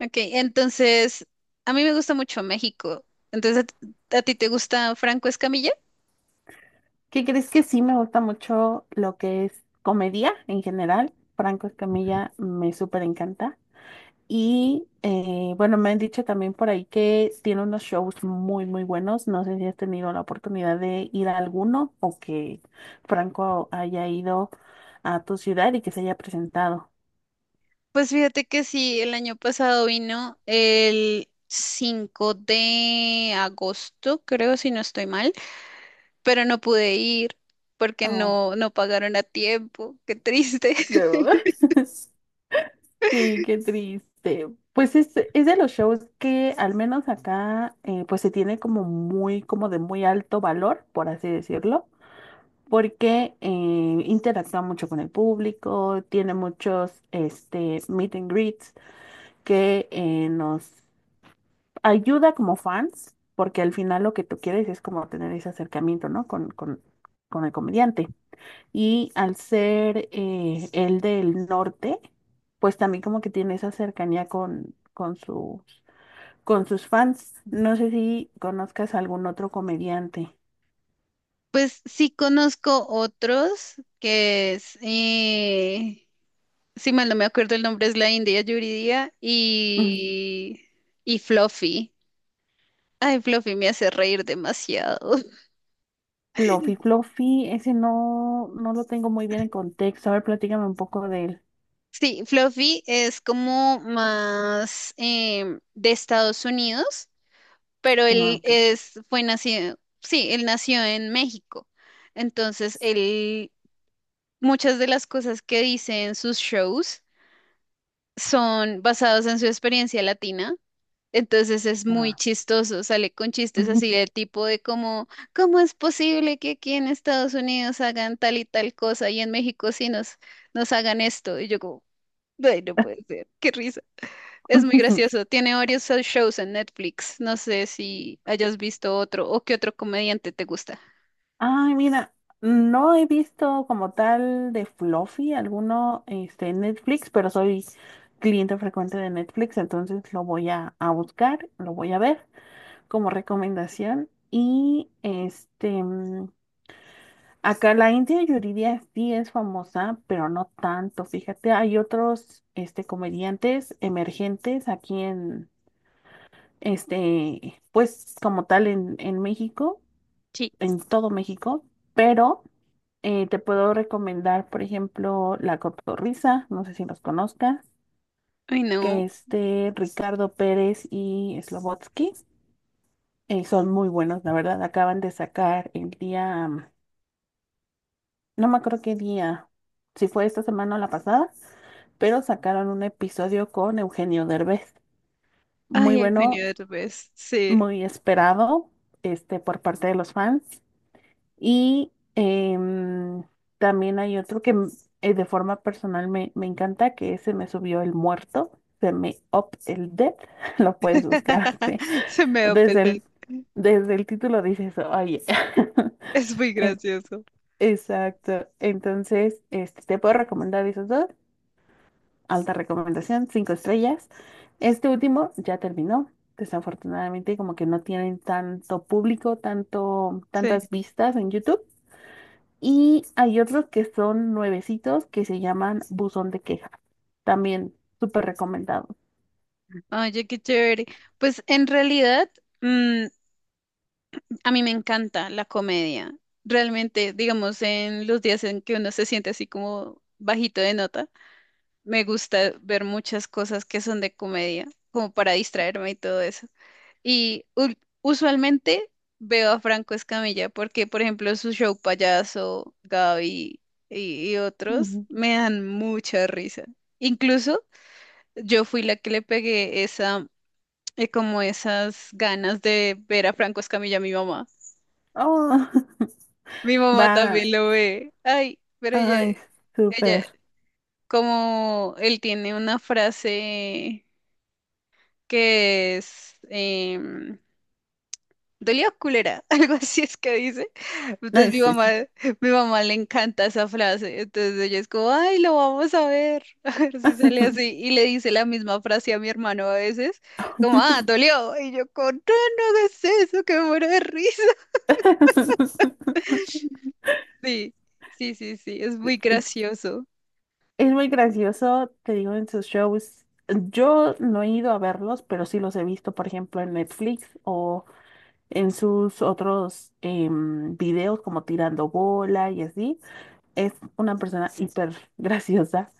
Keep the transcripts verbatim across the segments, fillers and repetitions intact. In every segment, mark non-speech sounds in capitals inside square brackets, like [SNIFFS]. Ok, entonces, a mí me gusta mucho México. Entonces, ¿a, a ti te gusta Franco Escamilla? ¿Qué crees? Que sí, me gusta mucho lo que es comedia en general. Franco Escamilla me súper encanta. Y eh, bueno, me han dicho también por ahí que tiene unos shows muy, muy buenos. No sé si has tenido la oportunidad de ir a alguno o que Franco haya ido a tu ciudad y que se haya presentado. Pues fíjate que sí, el año pasado vino el cinco de agosto, creo, si no estoy mal, pero no pude ir porque Oh, no, no pagaron a tiempo. Qué triste. [LAUGHS] no. [LAUGHS] Sí, qué triste. Pues es, es de los shows que al menos acá eh, pues se tiene como muy, como de muy alto valor, por así decirlo, porque eh, interactúa mucho con el público, tiene muchos este, meet and greets que eh, nos ayuda como fans, porque al final lo que tú quieres es como tener ese acercamiento, ¿no? Con, con, con el comediante. Y al ser eh, el del norte, pues también como que tiene esa cercanía con, con sus, con sus fans. No sé si conozcas algún otro comediante. Pues sí conozco otros, que es, eh, si mal no me acuerdo el nombre, es la India Yuridia Mm, y, y Fluffy. Ay, Fluffy me hace reír demasiado. [LAUGHS] Fluffy, Fluffy, ese no, no lo tengo muy bien en contexto. A ver, platícame un poco de él. Sí, Fluffy es como más em, de Estados Unidos, pero Ah, él ok. es, fue nacido, sí, él nació en México. Entonces, él, muchas de las cosas que dice en sus shows son basadas en su experiencia latina. Entonces es muy Ah. chistoso, sale con chistes así del tipo de como, ¿cómo es posible que aquí en Estados Unidos hagan tal y tal cosa y en México sí nos, nos hagan esto? Y yo como, ay, no puede ser, qué risa. Es muy [LAUGHS] gracioso. Tiene varios shows en Netflix. No sé si hayas visto otro o qué otro comediante te gusta. Ay, mira, no he visto como tal de Fluffy alguno este, en Netflix, pero soy cliente frecuente de Netflix, entonces lo voy a, a buscar, lo voy a ver como recomendación. Y este, mm, acá la India Yuridia sí es famosa, pero no tanto. Fíjate, hay otros este, comediantes emergentes aquí en, este, pues como tal en, en México, Sí. en todo México, pero... Eh, te puedo recomendar, por ejemplo, La Cotorrisa, no sé si los conozcas, Ay, que no. este Ricardo Pérez y Slobotsky eh, son muy buenos, la verdad. Acaban de sacar el día, mm, no me acuerdo qué día, si fue esta semana o la pasada, pero sacaron un episodio con Eugenio Derbez. Muy Ay, bueno, Eugenio Derbez. Sí. muy esperado este, por parte de los fans. Y em, también hay otro que m- eh, de forma personal me, me encanta, que es Se me subió el muerto, se me up el dead, [LAUGHS] lo puedes buscar así. [LAUGHS] [LAUGHS] Se me va a Desde perder. el, desde el título dices eso, oye. [LAUGHS] Es muy En- gracioso. Exacto. Entonces, este, te puedo recomendar esos dos. Alta recomendación, cinco estrellas. Este último ya terminó. Desafortunadamente, como que no tienen tanto público, tanto, Sí. tantas vistas en YouTube. Y hay otros que son nuevecitos que se llaman Buzón de Queja. También súper recomendado. Oye, qué chévere. Pues en realidad, mm, a mí me encanta la comedia. Realmente, digamos, en los días en que uno se siente así como bajito de nota, me gusta ver muchas cosas que son de comedia, como para distraerme y todo eso. Y ul- usualmente veo a Franco Escamilla porque, por ejemplo, su show Payaso, Gaby y, y otros Ujú. me dan mucha risa. Incluso yo fui la que le pegué esa eh, como esas ganas de ver a Franco Escamilla, mi mamá. Oh, Mi [LAUGHS] mamá va. también lo ve. Ay, pero ella, Ay, ella, súper. como él tiene una frase que es em, dolió culera, [LAUGHS] algo así es que dice. Entonces Ay, mi mamá, sí. mi mamá le encanta esa frase. Entonces ella es como, ay, lo vamos a ver, [LAUGHS] a ver si sale así. Y le dice la misma frase a mi hermano a veces, como, ah, dolió. Y yo con, no, no hagas eso, que me muero de risa. [LAUGHS] Sí, sí, sí, sí, es muy gracioso. Es muy gracioso, te digo, en sus shows. Yo no he ido a verlos, pero sí los he visto, por ejemplo, en Netflix o en sus otros em, videos como tirando bola y así. Es una persona hiper graciosa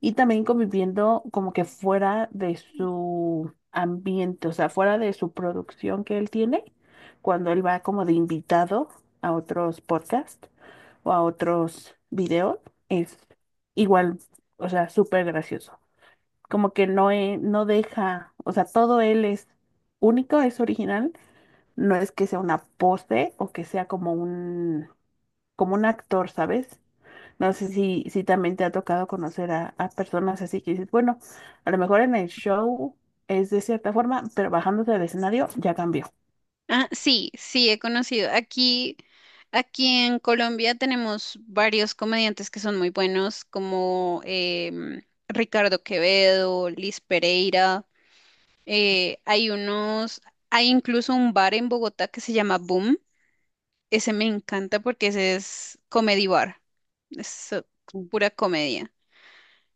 y también conviviendo como que fuera de su ambiente, o sea, fuera de su producción que él tiene, cuando él va como de invitado a otros podcasts o a otros videos, es igual, o sea, súper gracioso. Como que no, e- no deja, o sea, todo él es único, es original, no es que sea una pose o que sea como un, como un actor, ¿sabes? No sé si, si también te ha tocado conocer a, a personas así que dices, bueno, a lo mejor en el show es de cierta forma, pero bajándose del escenario ya cambió. Ah, sí, sí, he conocido. Aquí, aquí en Colombia tenemos varios comediantes que son muy buenos, como em, Ricardo Quevedo, Liz Pereira. eh, hay unos, hay incluso un bar en Bogotá que se llama Boom. Ese me encanta porque ese es comedy bar. Es eh, Mm. pura comedia.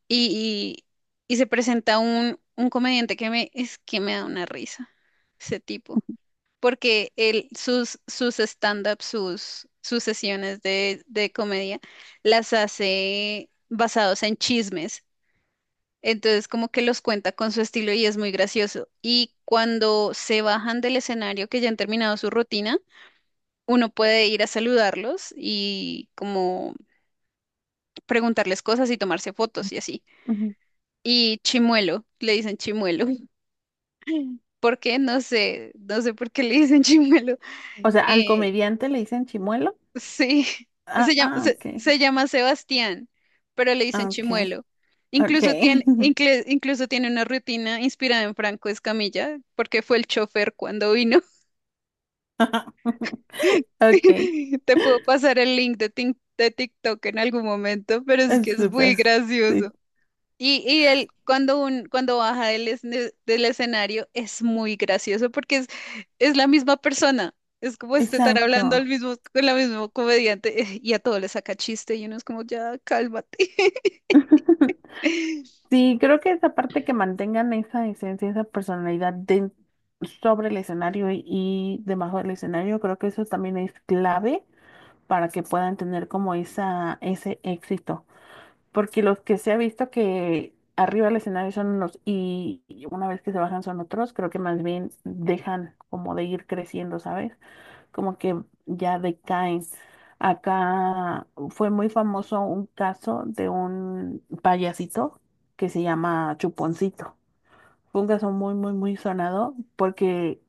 Y, y- y se presenta un, un comediante que me, es que me da una risa, ese tipo, porque él, sus, sus stand-up, sus, sus sesiones de, de comedia, las hace basados en chismes. Entonces, como que los cuenta con su estilo y es muy gracioso. Y cuando se bajan del escenario, que ya han terminado su rutina, uno puede ir a saludarlos y como preguntarles cosas y tomarse fotos y así. Ujú. Y Chimuelo, le dicen Chimuelo. ¿Por qué? No sé, no sé por qué le dicen [LAUGHS] chimuelo. O sea, al Eh, comediante le dicen chimuelo. sí, [LAUGHS] Ah, se llama, ah, se, ok, se llama Sebastián, pero le dicen ah, ok, chimuelo. ok. Incluso tiene, incle- incluso tiene una rutina inspirada en Franco Escamilla, porque fue el chofer cuando vino. [LAUGHS] Ok, [LAUGHS] Te puedo pasar el link de, Tik- de TikTok en algún momento, pero es que es es súper. muy Sí, gracioso. Y, y él, cuando, un, cuando baja del, esne- del escenario, es muy gracioso porque es, es la misma persona. Es como este estar hablando al exacto. mismo, con la misma comediante eh, y a todo le saca chiste y uno es como, ya, cálmate. [LAUGHS] [LAUGHS] Sí, creo que esa parte que mantengan esa esencia, esa personalidad de- sobre el escenario y, y debajo del escenario, creo que eso también es clave para que puedan tener como esa, ese éxito. Porque los que se ha visto que arriba del escenario son unos y y una vez que se bajan son otros, creo que más bien dejan como de ir creciendo, ¿sabes? Como que ya decaen. Acá fue muy famoso un caso de un payasito que se llama Chuponcito. Fue un caso muy, muy, muy sonado porque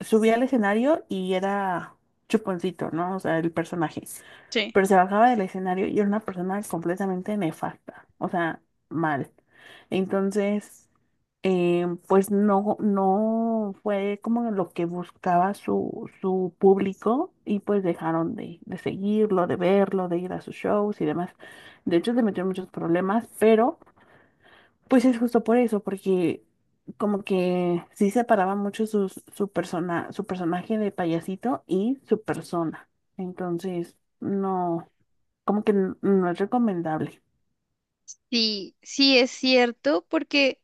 subía al escenario y era chuponcito, ¿no? O sea, el personaje. Sí. Pero se bajaba del escenario y era una persona completamente nefasta, o sea, mal. Entonces, eh, pues no, no fue como lo que buscaba su, su público y pues dejaron de, de seguirlo, de verlo, de ir a sus shows y demás. De hecho, se metió en muchos problemas, pero... Pues es justo por eso, porque como que sí separaba mucho su, su persona, su personaje de payasito y su persona. Entonces, no, como que n- no es recomendable, Sí, sí es cierto porque,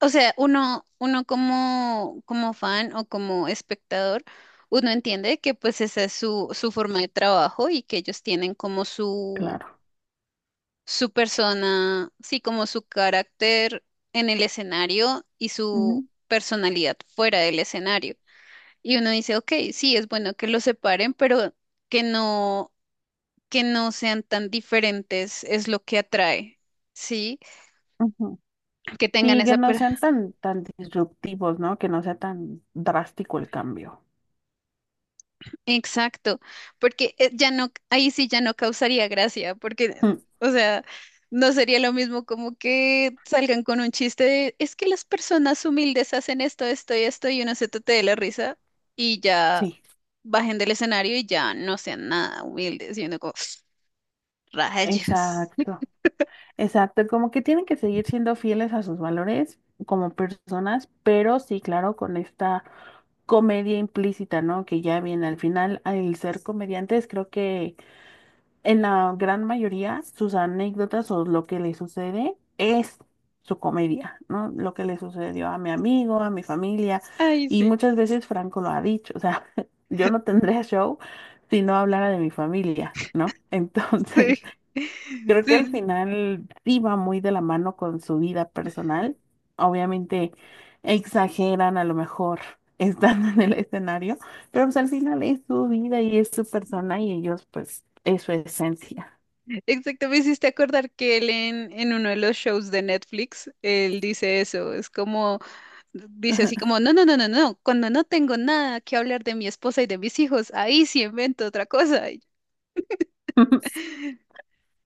o sea, uno, uno como, como fan o como espectador, uno entiende que pues esa es su, su forma de trabajo y que ellos tienen como claro. su persona, sí, como su carácter en el escenario y su Ujú, personalidad fuera del escenario. Y uno dice, ok, sí, es bueno que los separen, pero que no, que no sean tan diferentes es lo que atrae, ¿sí? ujú. Que tengan Sí, que esa, no per- sean tan, tan disruptivos, ¿no? Que no sea tan drástico el cambio. exacto, porque eh, ya no, ahí sí ya no causaría gracia, porque, mm, Mm, o sea, no sería lo mismo como que salgan con un chiste de, es que las personas humildes hacen esto, esto y esto, y uno se tote de la risa y ya sí, bajen del escenario y ya no sean nada humildes, y uno como, [SNIFFS] rayos. [LAUGHS] exacto. Exacto, como que tienen que seguir siendo fieles a sus valores como personas, pero sí, claro, con esta comedia implícita, ¿no? Que ya viene al final, al ser comediantes, creo que en la gran mayoría sus anécdotas o lo que le sucede es su comedia, ¿no? Lo que le sucedió a mi amigo, a mi familia, Ay, y sí. muchas veces Franco lo ha dicho, o sea, [LAUGHS] yo no tendría show si no hablara de mi familia, ¿no? [LAUGHS] Sí, Entonces, [LAUGHS] creo que sí, al sí. final sí va muy de la mano con su vida personal. Obviamente exageran a lo mejor [LAUGHS] estando en el escenario, pero pues al final es su vida y es su persona y ellos pues es su esencia. Exacto, me hiciste acordar que él en, en uno de los shows de Netflix, él dice eso, es como... dice así como, no, no, no, no, no, cuando no tengo nada que hablar de mi esposa y de mis hijos, ahí sí invento otra cosa. Y yo, [LAUGHS]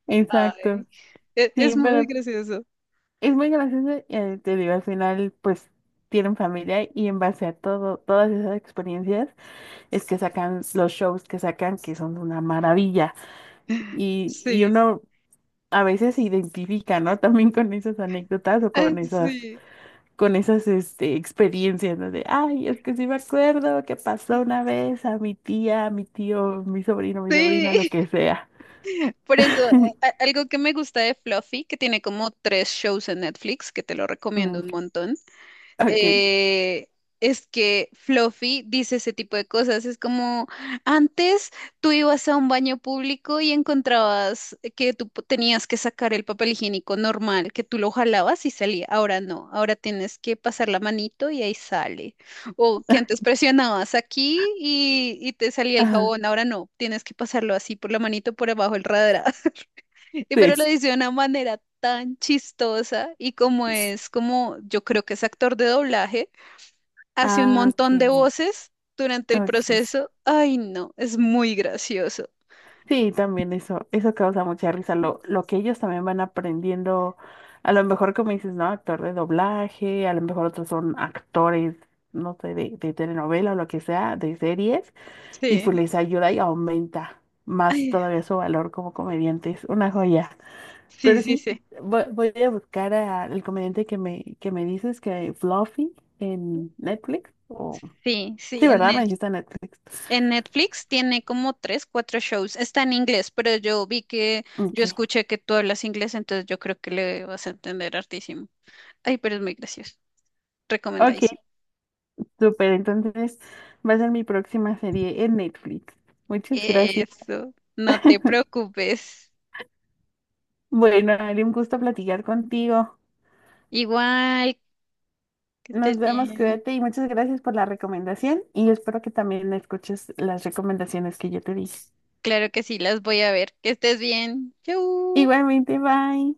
Exacto. ay, e- Sí, es, muy pero gracioso. es muy gracioso y eh, te digo, al final pues tienen familia y en base a todo, todas esas experiencias es que sacan los shows que sacan que son una maravilla. Y, y Sí, uno a veces se identifica, ¿no? También con esas anécdotas o con ay, esas, sí, con esas, este, experiencias, ¿no? De, ay, es que sí me acuerdo que pasó una vez a mi tía, a mi tío, mi sobrino, mi sobrina, lo sí. [LAUGHS] que sea. Por eso, [LAUGHS] a- a- algo que me gusta de Fluffy, que tiene como tres shows en Netflix, que te lo recomiendo Mm, un montón ok. eh, es que Fluffy dice ese tipo de cosas. Es como, antes tú ibas a un baño público y encontrabas que tú po- tenías que sacar el papel higiénico normal, que tú lo jalabas y salía. Ahora no, ahora tienes que pasar la manito y ahí sale. O que antes presionabas aquí y, y te salía el Ajá, jabón, ahora no, tienes que pasarlo así por la manito por abajo el radar. [LAUGHS] Y pero lo sí. dice de una manera tan chistosa y como es como yo creo que es actor de doblaje, hace un Ah, montón de ok. voces durante el Ok. proceso. Ay, no, es muy gracioso. Sí, también eso, eso causa mucha risa, lo, lo que ellos también van aprendiendo, a lo mejor como dices, ¿no? Actor de doblaje, a lo mejor otros son actores, no sé, de, de telenovela o lo que sea, de series, y Sí. pues les ayuda y aumenta más Ay, todavía su valor como comediantes, una joya. sí, Pero sí, sí, sí. voy, voy a buscar al comediante que me, que me dices, que Fluffy en Netflix, o... Sí, Sí, sí, en, ¿verdad? Me Net- dijiste en Netflix. en Netflix tiene como tres, cuatro shows. Está en inglés, pero yo vi que, yo Ok. escuché que tú hablas inglés, entonces yo creo que le vas a entender hartísimo. Ay, pero es muy gracioso. Ok, Recomendadísimo. súper, entonces va a ser mi próxima serie en Netflix. Muchas gracias. Eso, no te [LAUGHS] preocupes. Bueno, Ari, un gusto platicar contigo. Igual, que Nos estés vemos, bien. cuídate y muchas gracias por la recomendación y espero que también escuches las recomendaciones que yo te di. Claro que sí, las voy a ver. Que estés bien. Chau. Igualmente, bye.